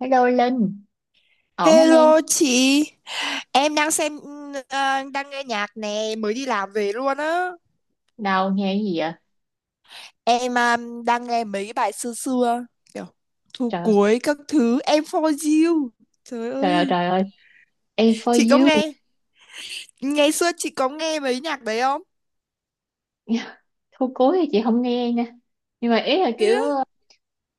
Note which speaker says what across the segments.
Speaker 1: Hello Linh, ổn không em?
Speaker 2: Hello chị, em đang đang nghe nhạc nè, mới đi làm về luôn á.
Speaker 1: Đâu nghe cái gì vậy?
Speaker 2: Em à, đang nghe mấy cái bài xưa xưa kiểu thu
Speaker 1: Trời,
Speaker 2: cuối các thứ em for you. Trời ơi,
Speaker 1: trời ơi, em
Speaker 2: chị có
Speaker 1: for you.
Speaker 2: nghe mấy nhạc đấy không?
Speaker 1: Thôi cối thì chị không nghe nha. Nhưng mà ý là
Speaker 2: Thế
Speaker 1: kiểu
Speaker 2: á.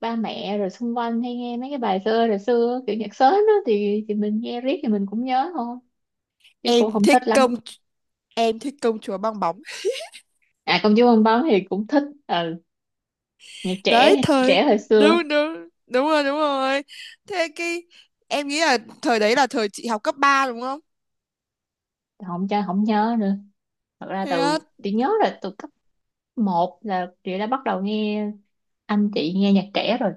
Speaker 1: ba mẹ rồi xung quanh hay nghe mấy cái bài xưa rồi xưa kiểu nhạc sến đó thì mình nghe riết thì mình cũng nhớ thôi chứ cũng
Speaker 2: Em
Speaker 1: không
Speaker 2: thích
Speaker 1: thích lắm.
Speaker 2: công em thích công chúa bong bóng.
Speaker 1: À công chúa bong bóng thì cũng thích, ừ, nhạc
Speaker 2: Đấy
Speaker 1: trẻ,
Speaker 2: thời.
Speaker 1: trẻ hồi xưa
Speaker 2: Đúng đúng, đúng rồi đúng rồi. Thế cái Em nghĩ là thời đấy là thời chị học cấp 3 đúng không?
Speaker 1: không cho không nhớ nữa. Thật ra
Speaker 2: Thế á.
Speaker 1: từ chị nhớ là từ cấp một là chị đã bắt đầu nghe anh chị nghe nhạc trẻ rồi,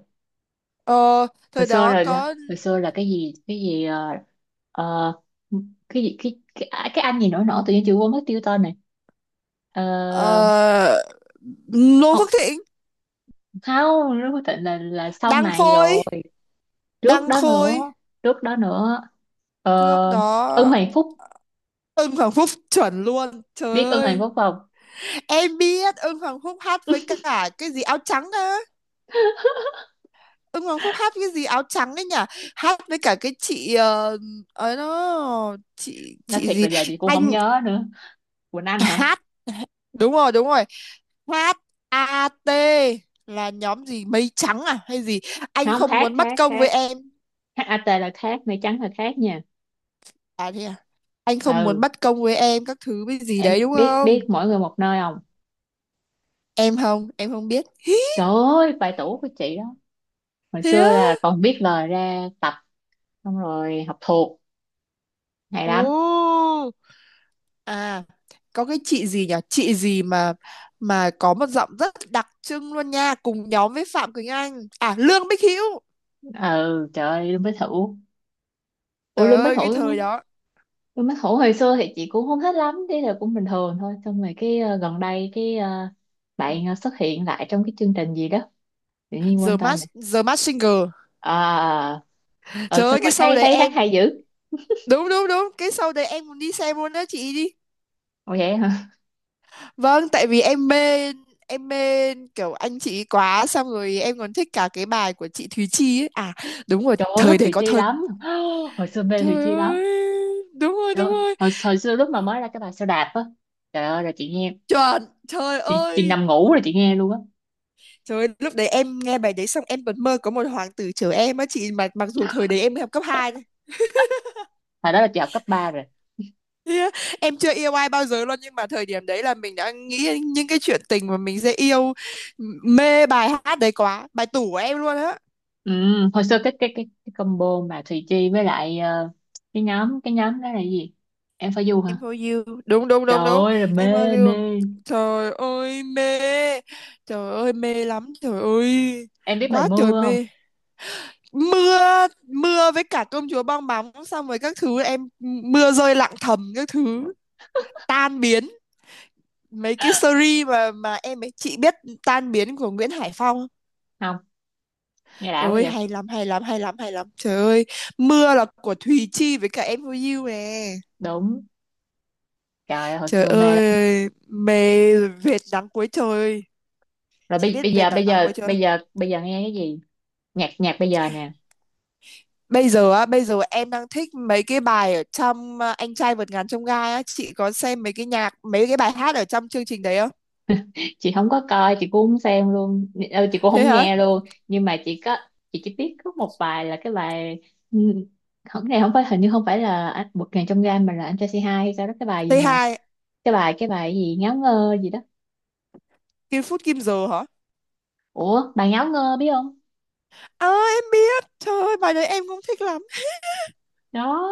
Speaker 2: Ờ,
Speaker 1: hồi
Speaker 2: thời
Speaker 1: xưa
Speaker 2: đó có
Speaker 1: hồi xưa là cái gì ờ, cái anh gì nổi nổi tự nhiên chị quên mất tiêu tên này. Ờ,
Speaker 2: Ờ, Ngô Phước
Speaker 1: không
Speaker 2: Thịnh,
Speaker 1: không nó quyết định là sau
Speaker 2: Đăng
Speaker 1: này rồi,
Speaker 2: Khôi,
Speaker 1: trước
Speaker 2: Đăng
Speaker 1: đó
Speaker 2: Khôi
Speaker 1: nữa, trước đó nữa. Ờ,
Speaker 2: trước
Speaker 1: Ưng
Speaker 2: đó,
Speaker 1: Hoàng Phúc.
Speaker 2: Ưng Hoàng Phúc chuẩn luôn trời
Speaker 1: Biết Ưng Hoàng
Speaker 2: ơi.
Speaker 1: Phúc không?
Speaker 2: Em biết Ưng Hoàng Phúc hát với cả cái gì áo trắng á. Ưng Hoàng Phúc hát cái gì áo trắng ấy nhỉ, hát với cả cái ấy đó chị
Speaker 1: Nói
Speaker 2: chị
Speaker 1: thiệt là
Speaker 2: gì,
Speaker 1: giờ chị cũng không
Speaker 2: anh
Speaker 1: nhớ nữa. Quỳnh Anh hả?
Speaker 2: hát, đúng rồi đúng rồi, hát A AT là nhóm gì mây trắng à hay gì, anh
Speaker 1: Không,
Speaker 2: không
Speaker 1: Thác,
Speaker 2: muốn
Speaker 1: Thác,
Speaker 2: bất công
Speaker 1: Thác.
Speaker 2: với em.
Speaker 1: HAT là Thác, mây trắng là Thác nha.
Speaker 2: À thế à? Anh không muốn
Speaker 1: Ừ,
Speaker 2: bất công với em các thứ với gì đấy
Speaker 1: em
Speaker 2: đúng
Speaker 1: biết biết
Speaker 2: không.
Speaker 1: mỗi người một nơi không?
Speaker 2: Em không biết Hí,
Speaker 1: Trời ơi vài tủ của chị đó. Hồi
Speaker 2: thế
Speaker 1: xưa
Speaker 2: á.
Speaker 1: là còn biết lời ra tập xong rồi học thuộc, hay
Speaker 2: Ồ,
Speaker 1: lắm.
Speaker 2: à, có cái chị gì nhỉ, chị gì mà có một giọng rất đặc trưng luôn nha, cùng nhóm với Phạm Quỳnh Anh, à, Lương Bích Hữu.
Speaker 1: Ừ trời ơi Lương Bích Thủ, ủa
Speaker 2: Trời
Speaker 1: Lương Bích
Speaker 2: ơi cái
Speaker 1: Thủ.
Speaker 2: thời đó.
Speaker 1: Lương Bích Thủ hồi xưa thì chị cũng không thích lắm, thế là cũng bình thường thôi, xong rồi gần đây bạn xuất hiện lại trong cái chương trình gì đó tự nhiên quên
Speaker 2: The
Speaker 1: tên này.
Speaker 2: Mask, The Mask Singer.
Speaker 1: À, ở
Speaker 2: Trời
Speaker 1: xong
Speaker 2: ơi cái
Speaker 1: rồi
Speaker 2: show
Speaker 1: thấy
Speaker 2: đấy
Speaker 1: thấy hát
Speaker 2: em,
Speaker 1: hay dữ.
Speaker 2: đúng đúng đúng, cái show đấy em muốn đi xem luôn đó chị đi.
Speaker 1: Ồ vậy hả?
Speaker 2: Vâng, tại vì em mê, em mê kiểu anh chị ấy quá, xong rồi em còn thích cả cái bài của chị Thúy Chi ấy. À đúng rồi,
Speaker 1: Trời ơi thích
Speaker 2: thời đấy
Speaker 1: Thùy
Speaker 2: có
Speaker 1: Chi
Speaker 2: thời,
Speaker 1: lắm. Hồi xưa mê Thùy
Speaker 2: trời
Speaker 1: Chi lắm.
Speaker 2: ơi. Đúng rồi,
Speaker 1: Trời
Speaker 2: đúng
Speaker 1: ơi,
Speaker 2: rồi.
Speaker 1: hồi xưa lúc mà mới ra cái bài Sao Đạp á, trời ơi là chị nghe,
Speaker 2: Chuẩn, trời
Speaker 1: chị
Speaker 2: ơi.
Speaker 1: nằm ngủ rồi chị nghe luôn á.
Speaker 2: Trời ơi, lúc đấy em nghe bài đấy xong em còn mơ có một hoàng tử chờ em á chị, mà mặc dù thời đấy em mới học cấp 2 thôi.
Speaker 1: Hồi đó là chị học cấp ba rồi.
Speaker 2: Yeah. Em chưa yêu ai bao giờ luôn, nhưng mà thời điểm đấy là mình đã nghĩ những cái chuyện tình mà mình sẽ yêu, mê bài hát đấy quá, bài tủ của em luôn á.
Speaker 1: Ừ, hồi xưa cái combo mà Thùy Chi với lại cái nhóm đó là cái gì, em phải du hả?
Speaker 2: Em for you, đúng đúng
Speaker 1: Trời
Speaker 2: đúng đúng,
Speaker 1: ơi là
Speaker 2: em
Speaker 1: mê
Speaker 2: for you,
Speaker 1: mê.
Speaker 2: trời ơi mê, trời ơi mê lắm trời ơi,
Speaker 1: Em biết bài
Speaker 2: quá trời
Speaker 1: mưa không?
Speaker 2: mê. Mưa, mưa với cả công chúa bong bóng xong rồi các thứ em, mưa rơi lặng thầm các thứ, tan biến, mấy cái series mà em ấy chị biết, tan biến của Nguyễn Hải Phong.
Speaker 1: Không, nghe đã quá
Speaker 2: Ơi
Speaker 1: vậy.
Speaker 2: hay lắm hay lắm hay lắm hay lắm trời ơi. Mưa là của Thùy Chi với cả em for you nè,
Speaker 1: Đúng, trời ơi, hồi
Speaker 2: trời
Speaker 1: xưa mê lắm.
Speaker 2: ơi mê, vệt nắng cuối trời.
Speaker 1: Rồi
Speaker 2: Chị biết
Speaker 1: bây
Speaker 2: Việt
Speaker 1: giờ bây
Speaker 2: Nam
Speaker 1: giờ
Speaker 2: quê chưa?
Speaker 1: bây giờ bây giờ nghe cái gì, nhạc nhạc bây giờ nè?
Speaker 2: Bây giờ á, bây giờ em đang thích mấy cái bài ở Anh trai vượt ngàn chông gai á, chị có xem mấy cái nhạc, mấy cái bài hát ở trong chương trình đấy không?
Speaker 1: Chị không có coi, chị cũng không xem luôn, ừ, chị cũng
Speaker 2: Thế
Speaker 1: không
Speaker 2: hả?
Speaker 1: nghe luôn, nhưng mà chị có, chị chỉ biết có một bài là cái bài, ừ, không cái này không phải, hình như không phải là anh một ngàn trong gang mà là anh trai c hai hay sao đó, cái bài gì
Speaker 2: Tây
Speaker 1: mà,
Speaker 2: hai,
Speaker 1: cái bài gì ngáo ngơ gì đó,
Speaker 2: Kim Phút Kim Giờ hả?
Speaker 1: ủa bà ngáo ngơ biết không?
Speaker 2: À, em biết, trời ơi, bài đấy em cũng thích lắm.
Speaker 1: Đó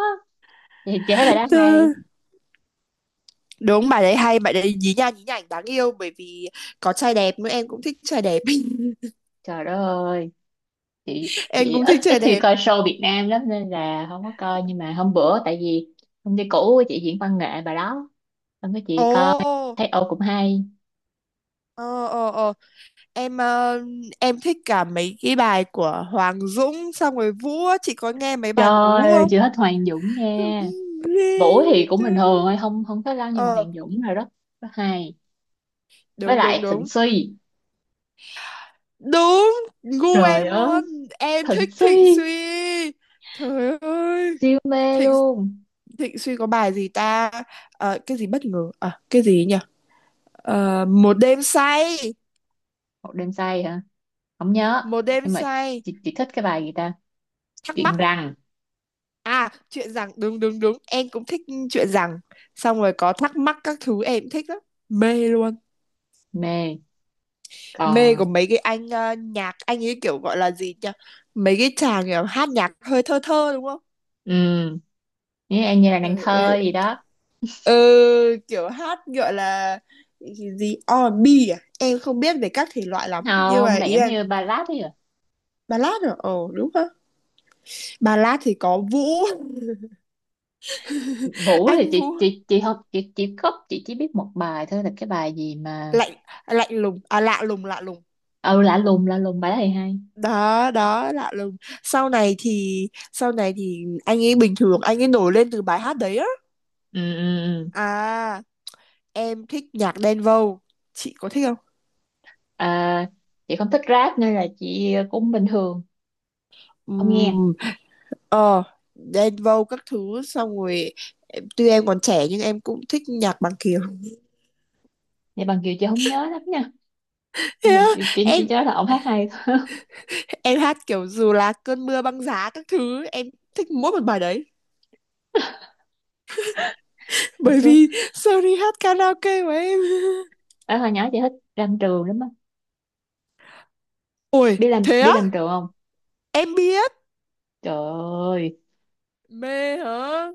Speaker 1: thì chị thấy bài đó hay.
Speaker 2: Ừ. Đúng, bài đấy hay, bài đấy nhí nha nhí nhảnh đáng yêu, bởi vì có trai đẹp nữa, em cũng thích trai đẹp.
Speaker 1: Trời đất ơi, chị
Speaker 2: Em
Speaker 1: chị
Speaker 2: cũng
Speaker 1: ít
Speaker 2: thích
Speaker 1: ít
Speaker 2: trai
Speaker 1: khi
Speaker 2: đẹp.
Speaker 1: coi show Việt Nam lắm nên là không có coi, nhưng mà hôm bữa tại vì công ty cũ của chị diễn văn nghệ bài đó xong cái
Speaker 2: Ồ,
Speaker 1: chị coi
Speaker 2: ờ,
Speaker 1: thấy ô cũng hay.
Speaker 2: ờ, ờ. em ờ, em thích cả mấy cái bài của Hoàng Dũng xong rồi Vũ á. Chị có nghe mấy bài của
Speaker 1: Trời
Speaker 2: Vũ
Speaker 1: ơi,
Speaker 2: không.
Speaker 1: chị thích Hoàng Dũng nha. Vũ thì cũng bình thường thôi, không không có lâu, nhưng mà
Speaker 2: Ờ
Speaker 1: Hoàng Dũng rồi đó, rất hay. Với
Speaker 2: đúng đúng
Speaker 1: lại Thịnh
Speaker 2: đúng
Speaker 1: Suy,
Speaker 2: đúng, gu
Speaker 1: trời
Speaker 2: em
Speaker 1: ơi
Speaker 2: luôn, em
Speaker 1: Thịnh
Speaker 2: thích Thịnh
Speaker 1: Suy
Speaker 2: Suy, trời ơi.
Speaker 1: siêu mê
Speaker 2: Thịnh
Speaker 1: luôn.
Speaker 2: Thịnh Suy có bài gì ta, cái gì bất ngờ à cái gì nhỉ, một đêm say,
Speaker 1: Một đêm say hả? Không nhớ.
Speaker 2: một đêm
Speaker 1: Nhưng mà
Speaker 2: say,
Speaker 1: chị thích cái bài gì ta,
Speaker 2: thắc
Speaker 1: chuyện
Speaker 2: mắc.
Speaker 1: rằng.
Speaker 2: À, chuyện rằng đúng đúng đúng, em cũng thích chuyện rằng. Xong rồi có thắc mắc các thứ em cũng thích lắm. Mê luôn.
Speaker 1: Mê.
Speaker 2: Mê của
Speaker 1: Còn
Speaker 2: mấy cái nhạc anh ấy kiểu gọi là gì nhỉ? Mấy cái chàng kiểu hát nhạc hơi thơ thơ đúng không?
Speaker 1: um, như em như là nàng
Speaker 2: Trời
Speaker 1: thơ
Speaker 2: ơi.
Speaker 1: gì đó.
Speaker 2: Ừ, kiểu hát gọi là gì gì? R&B à? Em không biết về các thể loại lắm, nhưng mà
Speaker 1: Không, này
Speaker 2: ý
Speaker 1: giống
Speaker 2: là
Speaker 1: như ballad ấy à.
Speaker 2: ballad rồi. Ồ đúng không? Ballad thì có Vũ,
Speaker 1: Vũ thì
Speaker 2: anh
Speaker 1: chị
Speaker 2: Vũ,
Speaker 1: chị chị không, chị khóc, chị chỉ biết một bài thôi là cái bài gì mà,
Speaker 2: lạnh lạnh lùng à, lạ lùng lạ lùng,
Speaker 1: ừ lạ lùng, lạ lùng bài đó thì hay.
Speaker 2: đó đó lạ lùng. Sau này thì anh ấy bình thường, anh ấy nổi lên từ bài hát đấy á.
Speaker 1: Ừ, ừ, ừ.
Speaker 2: À em thích nhạc Đen Vâu, chị có thích không.
Speaker 1: À, chị không thích rap nên là chị cũng bình thường, không nghe.
Speaker 2: Ừm, ờ, Đen Vâu các thứ xong rồi em- tuy em còn trẻ nhưng em cũng thích nhạc Bằng Kiều.
Speaker 1: Vậy bằng kiều chị không nhớ lắm nha,
Speaker 2: Thế
Speaker 1: nhưng mà
Speaker 2: á,
Speaker 1: chị chỉ
Speaker 2: em
Speaker 1: nhớ là ông hát hay thôi.
Speaker 2: em hát kiểu dù là cơn mưa băng giá các thứ, em thích mỗi một bài đấy,
Speaker 1: Hồi
Speaker 2: bởi
Speaker 1: xưa
Speaker 2: vì Sony hát karaoke của em.
Speaker 1: ở hồi nhỏ chị thích Lam Trường lắm á.
Speaker 2: Ôi
Speaker 1: Biết làm
Speaker 2: thế
Speaker 1: biết
Speaker 2: á,
Speaker 1: Lam Trường không?
Speaker 2: em biết,
Speaker 1: Trời ơi,
Speaker 2: mê hả,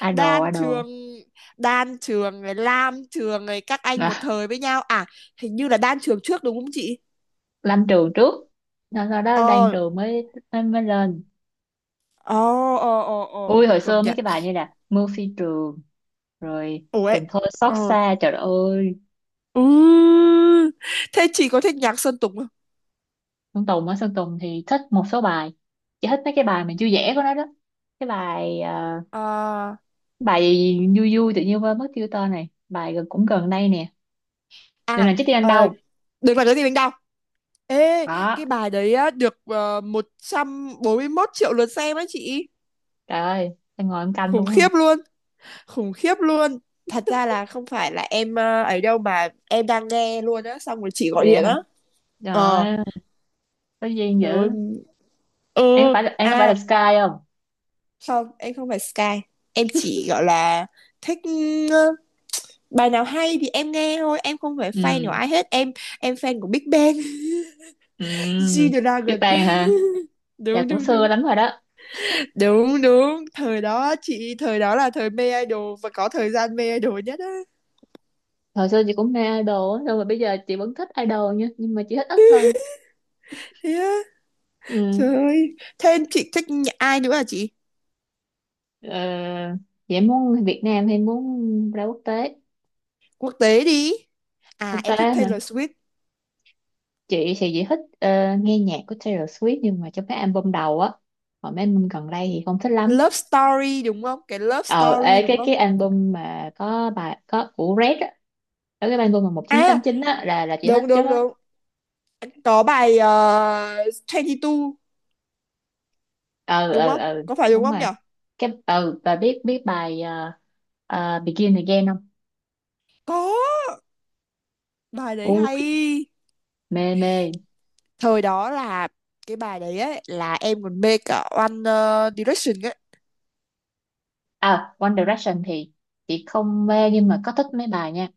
Speaker 1: idol
Speaker 2: Đan
Speaker 1: idol.
Speaker 2: Trường, Đan Trường rồi Lam Trường rồi các anh
Speaker 1: À,
Speaker 2: một thời với nhau à, hình như là Đan Trường trước đúng không chị.
Speaker 1: Lam Trường trước, sau sau đó Đan
Speaker 2: Ờ
Speaker 1: Trường mới mới, mới lên.
Speaker 2: ờ ờ ờ ờ,
Speaker 1: Ui hồi
Speaker 2: công
Speaker 1: xưa mấy
Speaker 2: nhận,
Speaker 1: cái bài như là Mưa phi trường rồi
Speaker 2: ủa ấy,
Speaker 1: Tình thôi xót
Speaker 2: ờ,
Speaker 1: xa, trời đất ơi.
Speaker 2: ừ. Thế chị có thích nhạc Sơn Tùng không.
Speaker 1: Sơn Tùng á, Sơn Tùng thì thích một số bài, chỉ thích mấy cái bài mình vui vẻ của nó đó, cái bài
Speaker 2: Ờ,
Speaker 1: bài gì vui vui tự nhiên quên mất tiêu tên này, bài gần cũng gần đây nè, đừng
Speaker 2: à
Speaker 1: làm chết đi anh
Speaker 2: ờ,
Speaker 1: đâu.
Speaker 2: đừng làm cái gì mình đau, ê,
Speaker 1: Đó.
Speaker 2: cái bài đấy á được một trăm bốn mươi 141 triệu lượt xem á chị,
Speaker 1: Trời ơi em ngồi em canh
Speaker 2: khủng
Speaker 1: đúng hả?
Speaker 2: khiếp luôn, khủng khiếp luôn. Thật ra là không phải là ấy đâu mà em đang nghe luôn á xong rồi chị gọi
Speaker 1: Vậy
Speaker 2: điện
Speaker 1: hả,
Speaker 2: á.
Speaker 1: trời
Speaker 2: Ờ,
Speaker 1: ơi, có duyên dữ.
Speaker 2: rồi, ừ.
Speaker 1: Em có phải là
Speaker 2: À
Speaker 1: Sky không?
Speaker 2: không em không phải Sky, em chỉ gọi là thích ừ, bài nào hay thì em nghe thôi, em không phải fan của
Speaker 1: Ừ.
Speaker 2: ai hết em. Em fan của Big Bang.
Speaker 1: Ừ, biết
Speaker 2: G-Dragon.
Speaker 1: Bang hả? Dạ
Speaker 2: Đúng
Speaker 1: cũng
Speaker 2: đúng
Speaker 1: xưa
Speaker 2: đúng
Speaker 1: lắm rồi đó.
Speaker 2: đúng đúng, thời đó chị, thời đó là thời mê idol và có thời gian mê idol nhất á.
Speaker 1: Hồi xưa chị cũng mê idol á, nhưng mà bây giờ chị vẫn thích idol nha, nhưng mà chị thích ít hơn.
Speaker 2: Thế á,
Speaker 1: Ừ.
Speaker 2: trời ơi, thế chị thích nhạc- ai nữa à chị.
Speaker 1: Ờ, chị muốn Việt Nam hay muốn ra quốc tế?
Speaker 2: Quốc tế đi,
Speaker 1: Quốc
Speaker 2: à em
Speaker 1: tế
Speaker 2: thích
Speaker 1: hả?
Speaker 2: Taylor Swift.
Speaker 1: Chị thì chị thích nghe nhạc của Taylor Swift, nhưng mà trong cái album đầu á, còn mấy album gần đây thì không thích lắm.
Speaker 2: Love Story đúng không, cái Love
Speaker 1: Ờ,
Speaker 2: Story
Speaker 1: ê,
Speaker 2: đúng
Speaker 1: cái
Speaker 2: không.
Speaker 1: cái album mà có bài có của Red á, ở cái album mà một chín
Speaker 2: À,
Speaker 1: tám chín á là chị thích
Speaker 2: đúng
Speaker 1: chứ.
Speaker 2: đúng đúng. Có bài 22
Speaker 1: Ừ,
Speaker 2: đúng
Speaker 1: ừ,
Speaker 2: không?
Speaker 1: ừ,
Speaker 2: Có phải đúng
Speaker 1: đúng
Speaker 2: không
Speaker 1: rồi.
Speaker 2: nhỉ?
Speaker 1: Cái ừ bà biết biết bài Begin Again không?
Speaker 2: Có, bài đấy hay.
Speaker 1: Ui mê mê.
Speaker 2: Thời đó là cái bài đấy ấy là em còn mê cả Direction ấy.
Speaker 1: À One Direction thì chị không mê nhưng mà có thích mấy bài nha,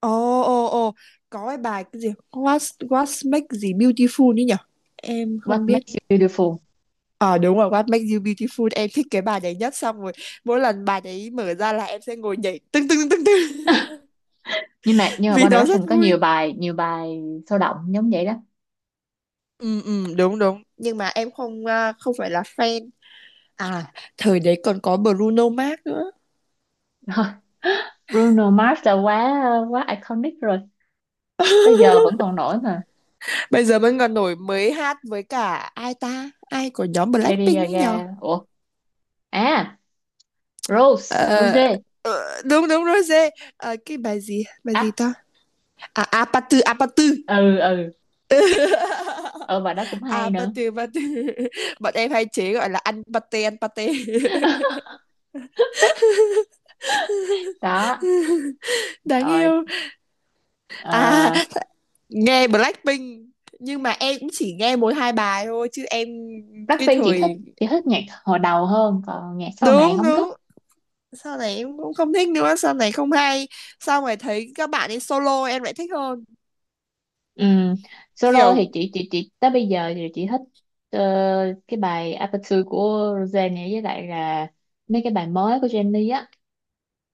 Speaker 2: Ồ ồ ồ, có cái bài cái gì? What make gì Beautiful ấy nhỉ? Em không
Speaker 1: What
Speaker 2: biết.
Speaker 1: Makes You Beautiful.
Speaker 2: Ờ đúng rồi, What Makes You Beautiful. Em thích cái bài đấy nhất, xong rồi mỗi lần bài đấy mở ra là em sẽ ngồi nhảy tưng tưng tưng tưng.
Speaker 1: nhưng mà nhưng mà
Speaker 2: Vì
Speaker 1: One
Speaker 2: nó rất
Speaker 1: Direction có
Speaker 2: vui.
Speaker 1: nhiều bài, nhiều bài sôi động giống vậy đó.
Speaker 2: Ừ, ừ, đúng đúng. Nhưng mà em không phải là fan. À thời đấy còn có Bruno Mars nữa.
Speaker 1: Bruno Mars là quá, quá iconic rồi, tới giờ vẫn còn nổi mà.
Speaker 2: Bây giờ vẫn còn nổi, mới hát với cả ai ta, ai của nhóm
Speaker 1: Lady
Speaker 2: Blackpink ấy nhờ.
Speaker 1: Gaga, ủa à Rose,
Speaker 2: Ờ,
Speaker 1: Rose
Speaker 2: ờ, đúng đúng Rosé. Ờ, cái bài gì
Speaker 1: Act.
Speaker 2: ta, à Apatu Apatu.
Speaker 1: Ừ ừ ờ bài đó cũng hay nữa.
Speaker 2: Apatu Apatu bọn em hay chế gọi là ăn pate ăn pate.
Speaker 1: Đó
Speaker 2: Đáng
Speaker 1: rồi.
Speaker 2: yêu. À
Speaker 1: Uh,
Speaker 2: nghe Blackpink, nhưng mà em cũng chỉ nghe mỗi 2 bài thôi chứ em, cái
Speaker 1: Blackpink chị thích,
Speaker 2: thời,
Speaker 1: chị thích nhạc hồi đầu hơn còn nhạc sau này
Speaker 2: đúng
Speaker 1: không thích.
Speaker 2: đúng, sau này em cũng không thích nữa, sau này không hay, sau này thấy các bạn ấy solo em lại thích hơn,
Speaker 1: Ừm, solo
Speaker 2: kiểu,
Speaker 1: thì chị tới bây giờ thì chị thích ờ, cái bài Aperture của Rosé này với lại là mấy cái bài mới của Jennie á,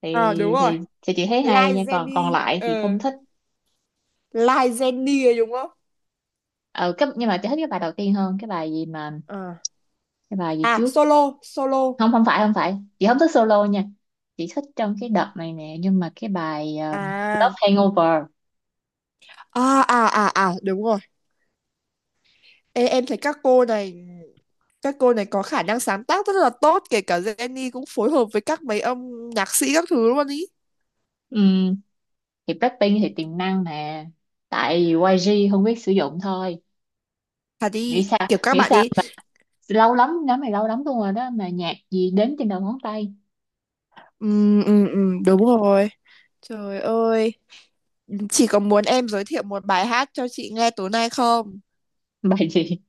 Speaker 1: thì
Speaker 2: ờ đúng rồi.
Speaker 1: thì chị thấy hay
Speaker 2: Like
Speaker 1: nha, còn còn
Speaker 2: Jennie
Speaker 1: lại thì không
Speaker 2: ờ,
Speaker 1: thích.
Speaker 2: Like Jennie đúng không.
Speaker 1: Ừ, cái, nhưng mà chị thích cái bài đầu tiên hơn, cái bài gì mà,
Speaker 2: Ờ.
Speaker 1: cái bài gì
Speaker 2: À
Speaker 1: trước.
Speaker 2: solo solo,
Speaker 1: Không, không phải chị không thích solo nha, chị thích trong cái đợt này nè nhưng mà cái bài Love
Speaker 2: à
Speaker 1: Hangover.
Speaker 2: à à à à đúng rồi. Ê, em thấy các cô này, các cô này có khả năng sáng tác rất là tốt, kể cả Jennie cũng phối hợp với các mấy âm nhạc sĩ các thứ luôn ý,
Speaker 1: Ừ, thì Blackpink thì tiềm năng nè, tại vì YG không biết sử dụng thôi,
Speaker 2: thật
Speaker 1: nghĩ
Speaker 2: đi
Speaker 1: sao,
Speaker 2: kiểu các
Speaker 1: nghĩ
Speaker 2: bạn
Speaker 1: sao,
Speaker 2: ý.
Speaker 1: lâu lắm nhóm này, lâu lắm luôn rồi đó mà nhạc gì đến trên đầu ngón tay.
Speaker 2: Ừ, ừ, ừ, đúng rồi, trời ơi. Chị có muốn em giới thiệu một bài hát cho chị nghe tối nay không.
Speaker 1: Bài gì?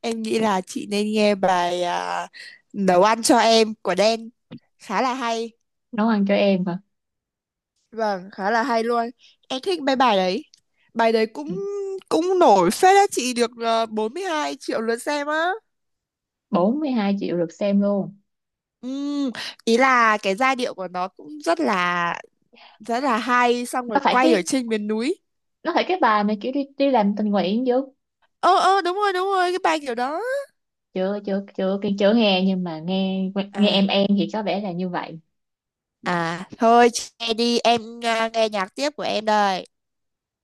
Speaker 2: Em nghĩ là chị nên nghe nấu ăn cho em của Đen, khá là hay,
Speaker 1: Nấu ăn cho em mà,
Speaker 2: vâng khá là hay luôn, em thích mấy bài đấy, bài đấy cũng cũng nổi phết á chị, được 42 triệu lượt xem á.
Speaker 1: 42 triệu lượt xem luôn?
Speaker 2: Ừm, ý là cái giai điệu của nó cũng rất là hay, xong rồi
Speaker 1: Nó phải
Speaker 2: quay ở
Speaker 1: cái,
Speaker 2: trên miền núi.
Speaker 1: bài mà kiểu đi đi làm tình nguyện chứ?
Speaker 2: Ờ ờ đúng rồi cái bài kiểu đó.
Speaker 1: Chưa chưa chưa chưa, chưa nghe nhưng mà nghe, nghe
Speaker 2: À,
Speaker 1: em thì có vẻ là như vậy.
Speaker 2: à thôi, che đi em nghe nhạc tiếp của em đây.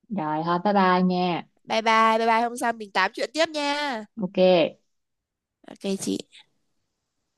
Speaker 1: Rồi thôi bye bye nha.
Speaker 2: Bye bye, bye bye, hôm sau mình tám chuyện tiếp nha.
Speaker 1: Ok.
Speaker 2: OK chị.